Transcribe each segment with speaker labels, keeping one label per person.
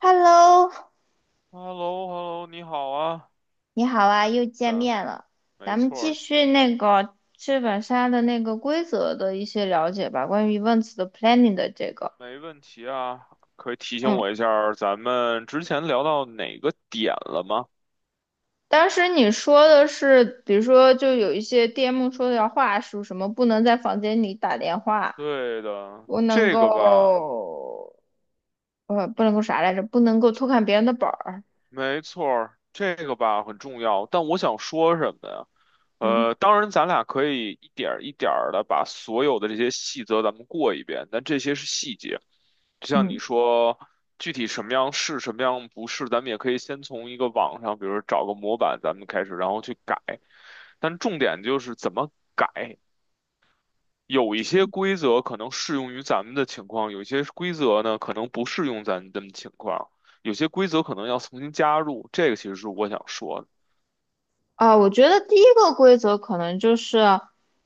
Speaker 1: Hello，
Speaker 2: h e l l o h e l l o 你好啊，
Speaker 1: 你好啊，又见
Speaker 2: 咱
Speaker 1: 面了。
Speaker 2: 没
Speaker 1: 咱们
Speaker 2: 错
Speaker 1: 继
Speaker 2: 儿，
Speaker 1: 续那个剧本杀的那个规则的一些了解吧，关于 events 的 planning 的这个。
Speaker 2: 没问题啊。可以提醒
Speaker 1: 嗯，
Speaker 2: 我一下儿咱们之前聊到哪个点了吗？
Speaker 1: 当时你说的是，比如说就有一些 DM 说的要话术，什么不能在房间里打电话，
Speaker 2: 对的，
Speaker 1: 不能
Speaker 2: 这个吧，
Speaker 1: 够，不能够啥来着，不能够偷看别人的本儿。
Speaker 2: 没错儿，这个吧很重要。但我想说什么呀？
Speaker 1: 嗯
Speaker 2: 当然，咱俩可以一点儿一点儿的把所有的这些细则咱们过一遍，但这些是细节。就像你
Speaker 1: 嗯。
Speaker 2: 说，具体什么样是，什么样不是，咱们也可以先从一个网上，比如说找个模板，咱们开始，然后去改。但重点就是怎么改，有一些规则可能适用于咱们的情况，有一些规则呢可能不适用咱们的情况，有些规则可能要重新加入，这个其实是我想说的。
Speaker 1: 啊，我觉得第一个规则可能就是，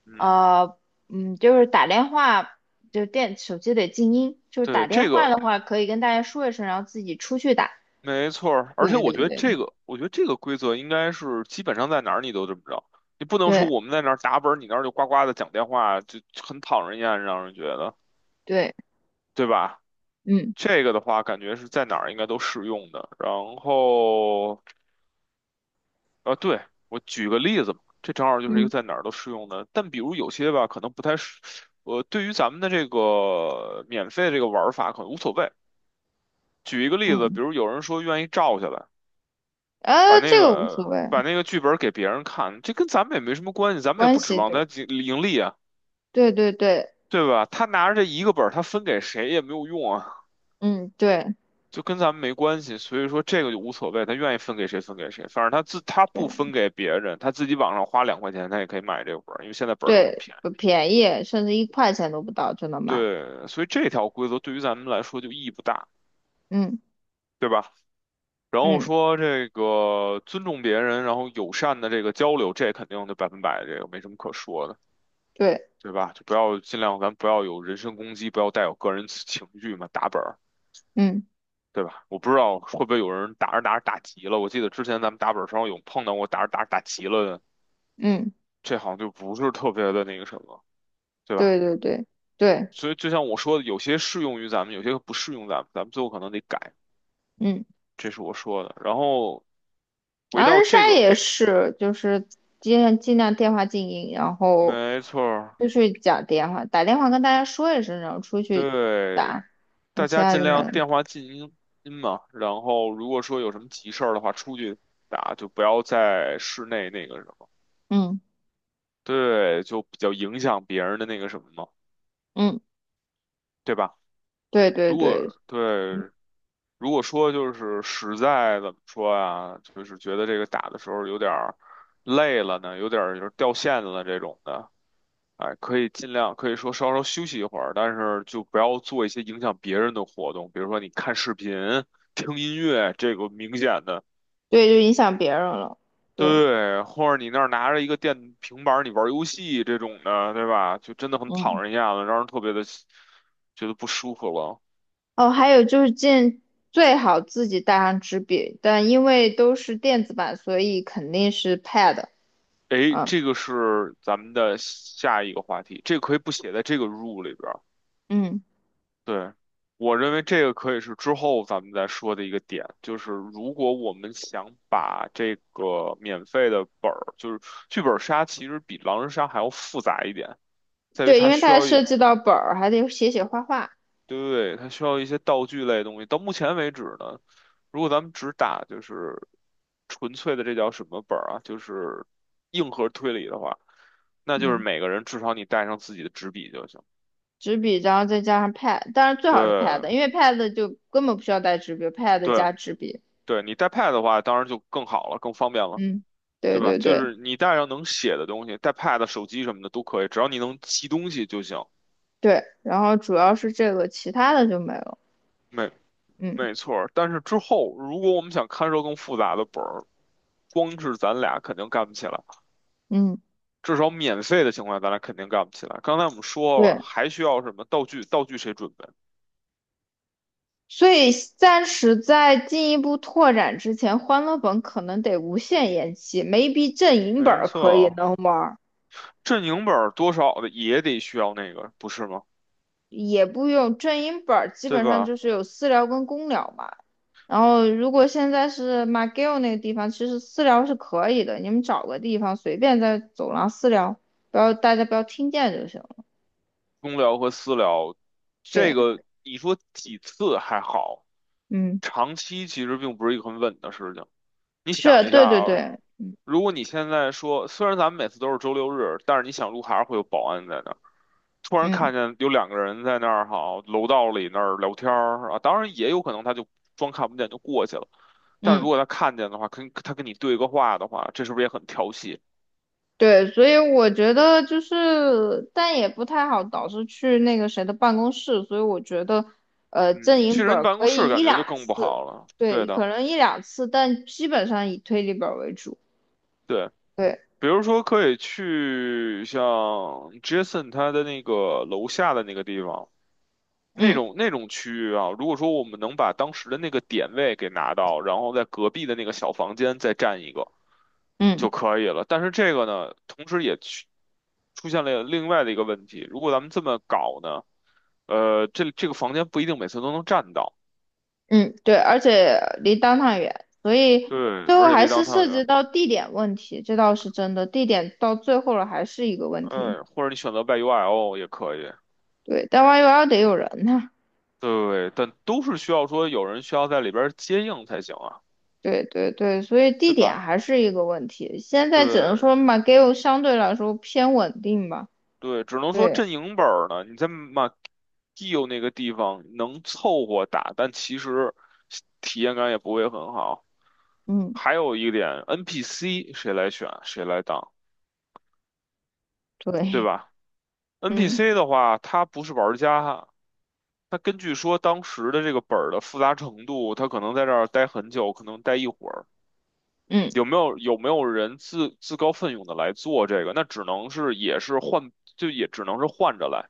Speaker 2: 嗯，
Speaker 1: 呃，就是打电话，就电手机得静音，就是打
Speaker 2: 对，
Speaker 1: 电
Speaker 2: 这个
Speaker 1: 话的话可以跟大家说一声，然后自己出去打。
Speaker 2: 没错儿而且
Speaker 1: 对对
Speaker 2: 我觉得
Speaker 1: 对，
Speaker 2: 这个，规则应该是基本上在哪儿你都这么着，你不能说
Speaker 1: 对
Speaker 2: 我们在那儿打本儿你那儿就呱呱的讲电话，就很讨人厌，让人觉得，
Speaker 1: 对，
Speaker 2: 对吧？
Speaker 1: 嗯
Speaker 2: 这个的话，感觉是在哪儿应该都适用的，然后。啊，对，我举个例子嘛，这正好就是一个
Speaker 1: 嗯
Speaker 2: 在哪儿都适用的。但比如有些吧，可能不太适，对于咱们的这个免费这个玩儿法可能无所谓。举一个例子，比
Speaker 1: 嗯，
Speaker 2: 如有人说愿意照下来，把那
Speaker 1: 这个无所
Speaker 2: 个
Speaker 1: 谓，
Speaker 2: 剧本给别人看，这跟咱们也没什么关系，咱们也
Speaker 1: 关
Speaker 2: 不指
Speaker 1: 系
Speaker 2: 望他
Speaker 1: 对
Speaker 2: 盈盈利啊，
Speaker 1: 对对对，
Speaker 2: 对吧？他拿着这一个本儿他分给谁也没有用啊，
Speaker 1: 嗯对
Speaker 2: 就跟咱们没关系。所以说这个就无所谓，他愿意分给谁分给谁，反正他不
Speaker 1: 对
Speaker 2: 分给别人，他自己网上花2块钱，他也可以买这个本儿因为现在本儿都很
Speaker 1: 对，
Speaker 2: 便
Speaker 1: 不
Speaker 2: 宜。
Speaker 1: 便宜，甚至1块钱都不到就能买。
Speaker 2: 对，所以这条规则对于咱们来说就意义不大，
Speaker 1: 嗯
Speaker 2: 对吧？然后
Speaker 1: 嗯，
Speaker 2: 说这个尊重别人，然后友善的这个交流，这肯定就百分百，这个没什么可说的，
Speaker 1: 对，
Speaker 2: 对吧？就不要尽量，咱不要有人身攻击，不要带有个人情绪嘛，打本儿，
Speaker 1: 嗯
Speaker 2: 对吧？我不知道会不会有人打着打着打急了，我记得之前咱们打本儿上有碰到过打着打着打急了的，
Speaker 1: 嗯，
Speaker 2: 这好像就不是特别的那个什么，对吧？
Speaker 1: 对对对对，
Speaker 2: 所以就像我说的，有些适用于咱们，有些不适用咱们，咱们最后可能得改，
Speaker 1: 嗯。
Speaker 2: 这是我说的。然后。回
Speaker 1: 狼
Speaker 2: 到
Speaker 1: 人
Speaker 2: 这
Speaker 1: 杀
Speaker 2: 个，
Speaker 1: 也是，就是尽量尽量电话静音，然后
Speaker 2: 没错儿
Speaker 1: 就是讲电话，打电话跟大家说一声，然后出去
Speaker 2: 对，
Speaker 1: 打，那
Speaker 2: 大
Speaker 1: 其
Speaker 2: 家
Speaker 1: 他
Speaker 2: 尽
Speaker 1: 就没
Speaker 2: 量电
Speaker 1: 了。
Speaker 2: 话静音音嘛。然后如果说有什么急事儿的话，出去打就不要在室内那个什么，
Speaker 1: 嗯
Speaker 2: 对，就比较影响别人的那个什么嘛，
Speaker 1: 嗯，
Speaker 2: 对吧？
Speaker 1: 对对
Speaker 2: 如果
Speaker 1: 对
Speaker 2: 对，如果说就是实在怎么说啊，就是觉得这个打的时候有点儿累了呢，有点儿就是掉线了这种的。哎，可以尽量可以说稍稍休息一会儿，但是就不要做一些影响别人的活动，比如说你看视频、听音乐，这个明显的，
Speaker 1: 对，就影响别人了。对，
Speaker 2: 对，或者你那儿拿着一个电平板儿你玩游戏这种的，对吧？就真的很讨
Speaker 1: 嗯。
Speaker 2: 人厌了，让人特别的觉得不舒服了。
Speaker 1: 哦，还有就是最好自己带上纸笔，但因为都是电子版，所以肯定是 pad。
Speaker 2: 哎，
Speaker 1: 嗯
Speaker 2: 这个是咱们的下一个话题，这个可以不写在这个 rule 里边
Speaker 1: 嗯，
Speaker 2: 对，我认为这个可以是之后咱们再说的一个点，就是如果我们想把这个免费的本儿，就是剧本杀，其实比狼人杀还要复杂一点，在于
Speaker 1: 对，
Speaker 2: 它
Speaker 1: 因为它
Speaker 2: 需
Speaker 1: 还
Speaker 2: 要
Speaker 1: 涉
Speaker 2: 一，
Speaker 1: 及到本儿，还得写写画画。
Speaker 2: 对，它需要一些道具类的东西。到目前为止呢，如果咱们只打就是纯粹的这叫什么本儿啊，就是硬核推理的话，那就是
Speaker 1: 嗯。
Speaker 2: 每个人至少你带上自己的纸笔就行。
Speaker 1: 纸笔，然后再加上 pad，当然最好是
Speaker 2: 对，
Speaker 1: pad，因为 pad 就根本不需要带纸笔，pad
Speaker 2: 对，
Speaker 1: 加纸笔。
Speaker 2: 对，你带 pad 的话，当然就更好了，更方便了。
Speaker 1: 嗯，对
Speaker 2: 对吧？
Speaker 1: 对
Speaker 2: 就
Speaker 1: 对
Speaker 2: 是你带上能写的东西，带 pad、手机什么的都可以，只要你能记东西就行。
Speaker 1: 对，然后主要是这个，其他的就没有。
Speaker 2: 没
Speaker 1: 嗯
Speaker 2: 没错儿，但是之后如果我们想看涉更复杂的本儿，光是咱俩肯定干不起来，
Speaker 1: 嗯，
Speaker 2: 至少免费的情况下咱俩肯定干不起来。刚才我们说了，
Speaker 1: 对，
Speaker 2: 还需要什么道具？道具谁准备？
Speaker 1: 所以暂时在进一步拓展之前，欢乐本可能得无限延期没 a 阵营本
Speaker 2: 没
Speaker 1: 儿可以
Speaker 2: 错，
Speaker 1: 能玩。
Speaker 2: 阵营本儿多少的也得需要那个，不是吗？
Speaker 1: 也不用正音本儿，基
Speaker 2: 对
Speaker 1: 本上
Speaker 2: 吧？
Speaker 1: 就是有私聊跟公聊嘛。然后如果现在是马 c g 那个地方，其实私聊是可以的，你们找个地方随便在走廊私聊，不要大家不要听见就行了。
Speaker 2: 公聊和私聊，这
Speaker 1: 对，
Speaker 2: 个你说几次还好，
Speaker 1: 嗯，
Speaker 2: 长期其实并不是一个很稳的事情。你想
Speaker 1: 是，
Speaker 2: 一下
Speaker 1: 对对
Speaker 2: 啊，
Speaker 1: 对，
Speaker 2: 如果你现在说，虽然咱们每次都是周六日，但是你想路还是会有保安在那儿。突然
Speaker 1: 嗯
Speaker 2: 看见有两个人在那儿，好，楼道里那儿聊天儿啊，当然也有可能他就装看不见就过去了。但如
Speaker 1: 嗯，
Speaker 2: 果他看见的话，跟他跟你对个话的话，这是不是也很调戏？
Speaker 1: 对，所以我觉得就是，但也不太好导师去那个谁的办公室，所以我觉得，正
Speaker 2: 嗯，
Speaker 1: 音
Speaker 2: 去
Speaker 1: 本
Speaker 2: 人
Speaker 1: 儿
Speaker 2: 办
Speaker 1: 可
Speaker 2: 公室
Speaker 1: 以
Speaker 2: 感
Speaker 1: 一
Speaker 2: 觉就
Speaker 1: 两
Speaker 2: 更不
Speaker 1: 次，
Speaker 2: 好了。对
Speaker 1: 对，
Speaker 2: 的，
Speaker 1: 可能一两次，但基本上以推理本儿为主。
Speaker 2: 对。
Speaker 1: 对，
Speaker 2: 比如说可以去像 Jason 他的那个楼下的那个地方，那
Speaker 1: 嗯
Speaker 2: 种那种区域啊，如果说我们能把当时的那个点位给拿到，然后在隔壁的那个小房间再占一个
Speaker 1: 嗯
Speaker 2: 就可以了。但是这个呢，同时也去出现了另外的一个问题，如果咱们这么搞呢，这个房间不一定每次都能占到，
Speaker 1: 嗯，对，而且离 d o 远，所以
Speaker 2: 对，
Speaker 1: 最后
Speaker 2: 而且
Speaker 1: 还
Speaker 2: 离
Speaker 1: 是
Speaker 2: 当汤
Speaker 1: 涉
Speaker 2: 圆，
Speaker 1: 及到地点问题，这倒是真的，地点到最后了还是一个问题。
Speaker 2: 嗯，或者你选择 y u I l 也可以。
Speaker 1: 对，但弯 u L 得有人呐。
Speaker 2: 对，但都是需要说有人需要在里边儿接应才行啊，
Speaker 1: 对对对，所以地
Speaker 2: 对
Speaker 1: 点
Speaker 2: 吧？
Speaker 1: 还是一个问题。现在只能说
Speaker 2: 对
Speaker 1: 嘛 a g a l 相对来说偏稳定吧。
Speaker 2: 对，只能说
Speaker 1: 对，
Speaker 2: 阵营本儿呢，你在马基有那个地方能凑合打，但其实体验感也不会很好。
Speaker 1: 嗯，
Speaker 2: 还有一点，NPC 谁来选谁来当，对
Speaker 1: 对，
Speaker 2: 吧
Speaker 1: 嗯
Speaker 2: ？NPC 的话，他不是玩家，他根据说当时的这个本儿的复杂程度，他可能在这儿待很久，可能待一会儿。
Speaker 1: 嗯，
Speaker 2: 有没有人自告奋勇的来做这个？那只能是也是换，就也只能是换着来，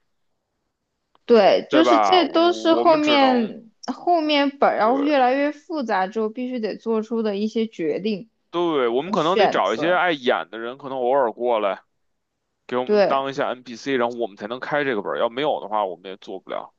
Speaker 1: 对，
Speaker 2: 对
Speaker 1: 就是
Speaker 2: 吧？
Speaker 1: 这都是
Speaker 2: 我我
Speaker 1: 后
Speaker 2: 们只能
Speaker 1: 面后面本儿要越
Speaker 2: 对
Speaker 1: 来越复杂之后必须得做出的一些决定。
Speaker 2: 对，我们
Speaker 1: 和
Speaker 2: 可能得
Speaker 1: 选
Speaker 2: 找一些
Speaker 1: 择。
Speaker 2: 爱演的人，可能偶尔过来给我们
Speaker 1: 对
Speaker 2: 当一下 NPC,然后我们才能开这个本儿。要没有的话，我们也做不了，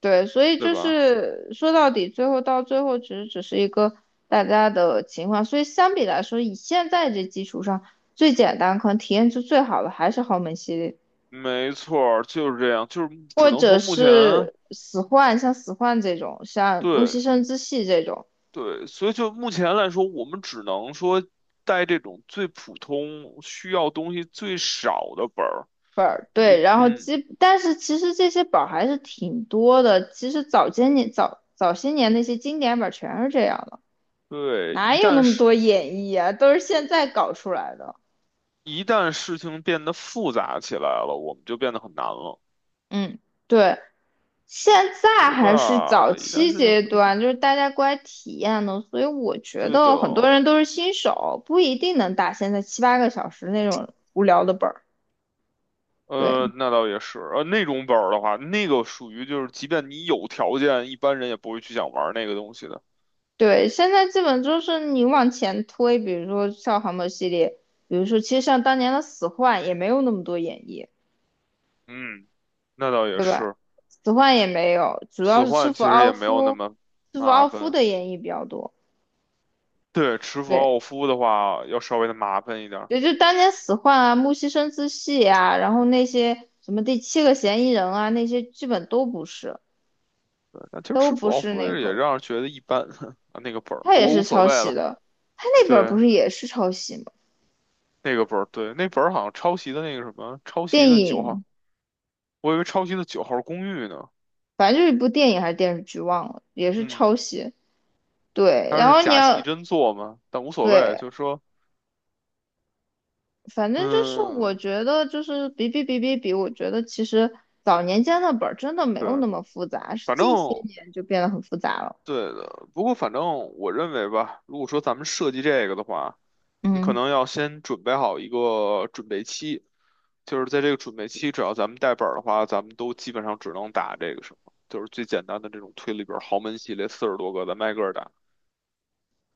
Speaker 1: 对，所以
Speaker 2: 对
Speaker 1: 就
Speaker 2: 吧？
Speaker 1: 是说到底，最后到最后，其实只是一个大家的情况。所以相比来说，以现在这基础上，最简单可能体验就最好的还是豪门系列，
Speaker 2: 没错儿，就是这样，就是只
Speaker 1: 或
Speaker 2: 能
Speaker 1: 者
Speaker 2: 说目前
Speaker 1: 是死幻，像死幻这种，像木
Speaker 2: 对
Speaker 1: 西生之系这种
Speaker 2: 对，所以就目前来说，我们只能说带这种最普通、需要东西最少的本儿。
Speaker 1: 本儿。对，然后
Speaker 2: 嗯，
Speaker 1: 但是其实这些本儿还是挺多的。其实早些年那些经典本儿全是这样的，
Speaker 2: 对，
Speaker 1: 哪
Speaker 2: 一
Speaker 1: 有
Speaker 2: 旦
Speaker 1: 那么
Speaker 2: 事
Speaker 1: 多演绎啊？都是现在搞出来的。
Speaker 2: 一旦事情变得复杂起来了，我们就变得很难了，
Speaker 1: 嗯。对，现在
Speaker 2: 对
Speaker 1: 还是早
Speaker 2: 吧？一旦
Speaker 1: 期
Speaker 2: 事情
Speaker 1: 阶
Speaker 2: 不
Speaker 1: 段，就是大家过来体验的，所以我觉
Speaker 2: 对的，
Speaker 1: 得很多人都是新手，不一定能打现在7、8个小时那种无聊的本儿。对
Speaker 2: 那倒也是，那种本儿的话，那个属于就是，即便你有条件，一般人也不会去想玩那个东西的。
Speaker 1: 对，现在基本就是你往前推，比如说像航母系列，比如说其实像当年的死幻也没有那么多演绎，
Speaker 2: 嗯，那倒也
Speaker 1: 对吧？
Speaker 2: 是，
Speaker 1: 死幻也没有，主要
Speaker 2: 死
Speaker 1: 是吃
Speaker 2: 幻其
Speaker 1: 服
Speaker 2: 实也
Speaker 1: 奥
Speaker 2: 没有那
Speaker 1: 夫，
Speaker 2: 么
Speaker 1: 吃服
Speaker 2: 麻
Speaker 1: 奥夫
Speaker 2: 烦。
Speaker 1: 的演绎比较多。
Speaker 2: 对，持斧
Speaker 1: 对。
Speaker 2: 奥夫的话要稍微的麻烦一点儿，
Speaker 1: 也就当年死患啊、木西生姿系啊，然后那些什么第七个嫌疑人啊，那些基本都不是，
Speaker 2: 但其实
Speaker 1: 都
Speaker 2: 持
Speaker 1: 不
Speaker 2: 斧奥
Speaker 1: 是
Speaker 2: 夫
Speaker 1: 那
Speaker 2: 也
Speaker 1: 个，
Speaker 2: 让人觉得一般 啊，那个本儿，
Speaker 1: 他
Speaker 2: 不
Speaker 1: 也
Speaker 2: 过
Speaker 1: 是
Speaker 2: 无所
Speaker 1: 抄
Speaker 2: 谓
Speaker 1: 袭
Speaker 2: 了。
Speaker 1: 的，他那本儿
Speaker 2: 对。
Speaker 1: 不是也是抄袭吗？
Speaker 2: 那个本儿，对，那本儿好像抄袭的那个什么，抄袭
Speaker 1: 电
Speaker 2: 的九号，
Speaker 1: 影，
Speaker 2: 我以为抄袭的九号公寓呢。
Speaker 1: 反正就是一部电影还是电视剧，忘了，也是
Speaker 2: 嗯，
Speaker 1: 抄袭。对，
Speaker 2: 它
Speaker 1: 然
Speaker 2: 是
Speaker 1: 后你
Speaker 2: 假戏
Speaker 1: 要
Speaker 2: 真做嘛，但无所谓，
Speaker 1: 对，
Speaker 2: 就是说，
Speaker 1: 反正就是我
Speaker 2: 嗯，
Speaker 1: 觉得就是比比比比比，我觉得其实早年间的本儿真的没有
Speaker 2: 对，
Speaker 1: 那么复杂，是
Speaker 2: 反正
Speaker 1: 近些年就变得很复杂了。
Speaker 2: 对的。不过反正我认为吧，如果说咱们设计这个的话，你可
Speaker 1: 嗯
Speaker 2: 能要先准备好一个准备期，就是在这个准备期，只要咱们带本儿的话，咱们都基本上只能打这个什么，就是最简单的这种推理本儿，豪门系列40多个，咱们挨个儿打。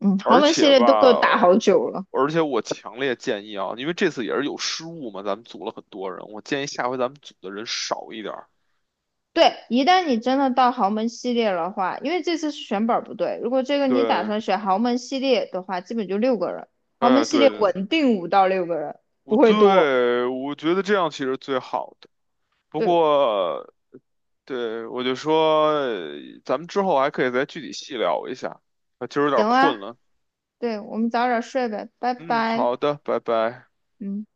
Speaker 1: 嗯，豪
Speaker 2: 而
Speaker 1: 门系
Speaker 2: 且
Speaker 1: 列
Speaker 2: 吧，
Speaker 1: 都给我打好久了。
Speaker 2: 而且我强烈建议啊，因为这次也是有失误嘛，咱们组了很多人，我建议下回咱们组的人少一点儿。
Speaker 1: 对，一旦你真的到豪门系列的话，因为这次是选本儿不对，如果这个你打
Speaker 2: 对，
Speaker 1: 算选豪门系列的话，基本就六个人，豪门
Speaker 2: 哎，
Speaker 1: 系列
Speaker 2: 对对对，
Speaker 1: 稳定5到6个人，不会多。
Speaker 2: 我觉得这样其实最好的。不
Speaker 1: 对，
Speaker 2: 过，对我就说，咱们之后还可以再具体细聊一下，啊，今儿有点
Speaker 1: 行啊，
Speaker 2: 困了。
Speaker 1: 对，我们早点睡呗，拜
Speaker 2: 嗯，
Speaker 1: 拜。
Speaker 2: 好的，拜拜。
Speaker 1: 嗯。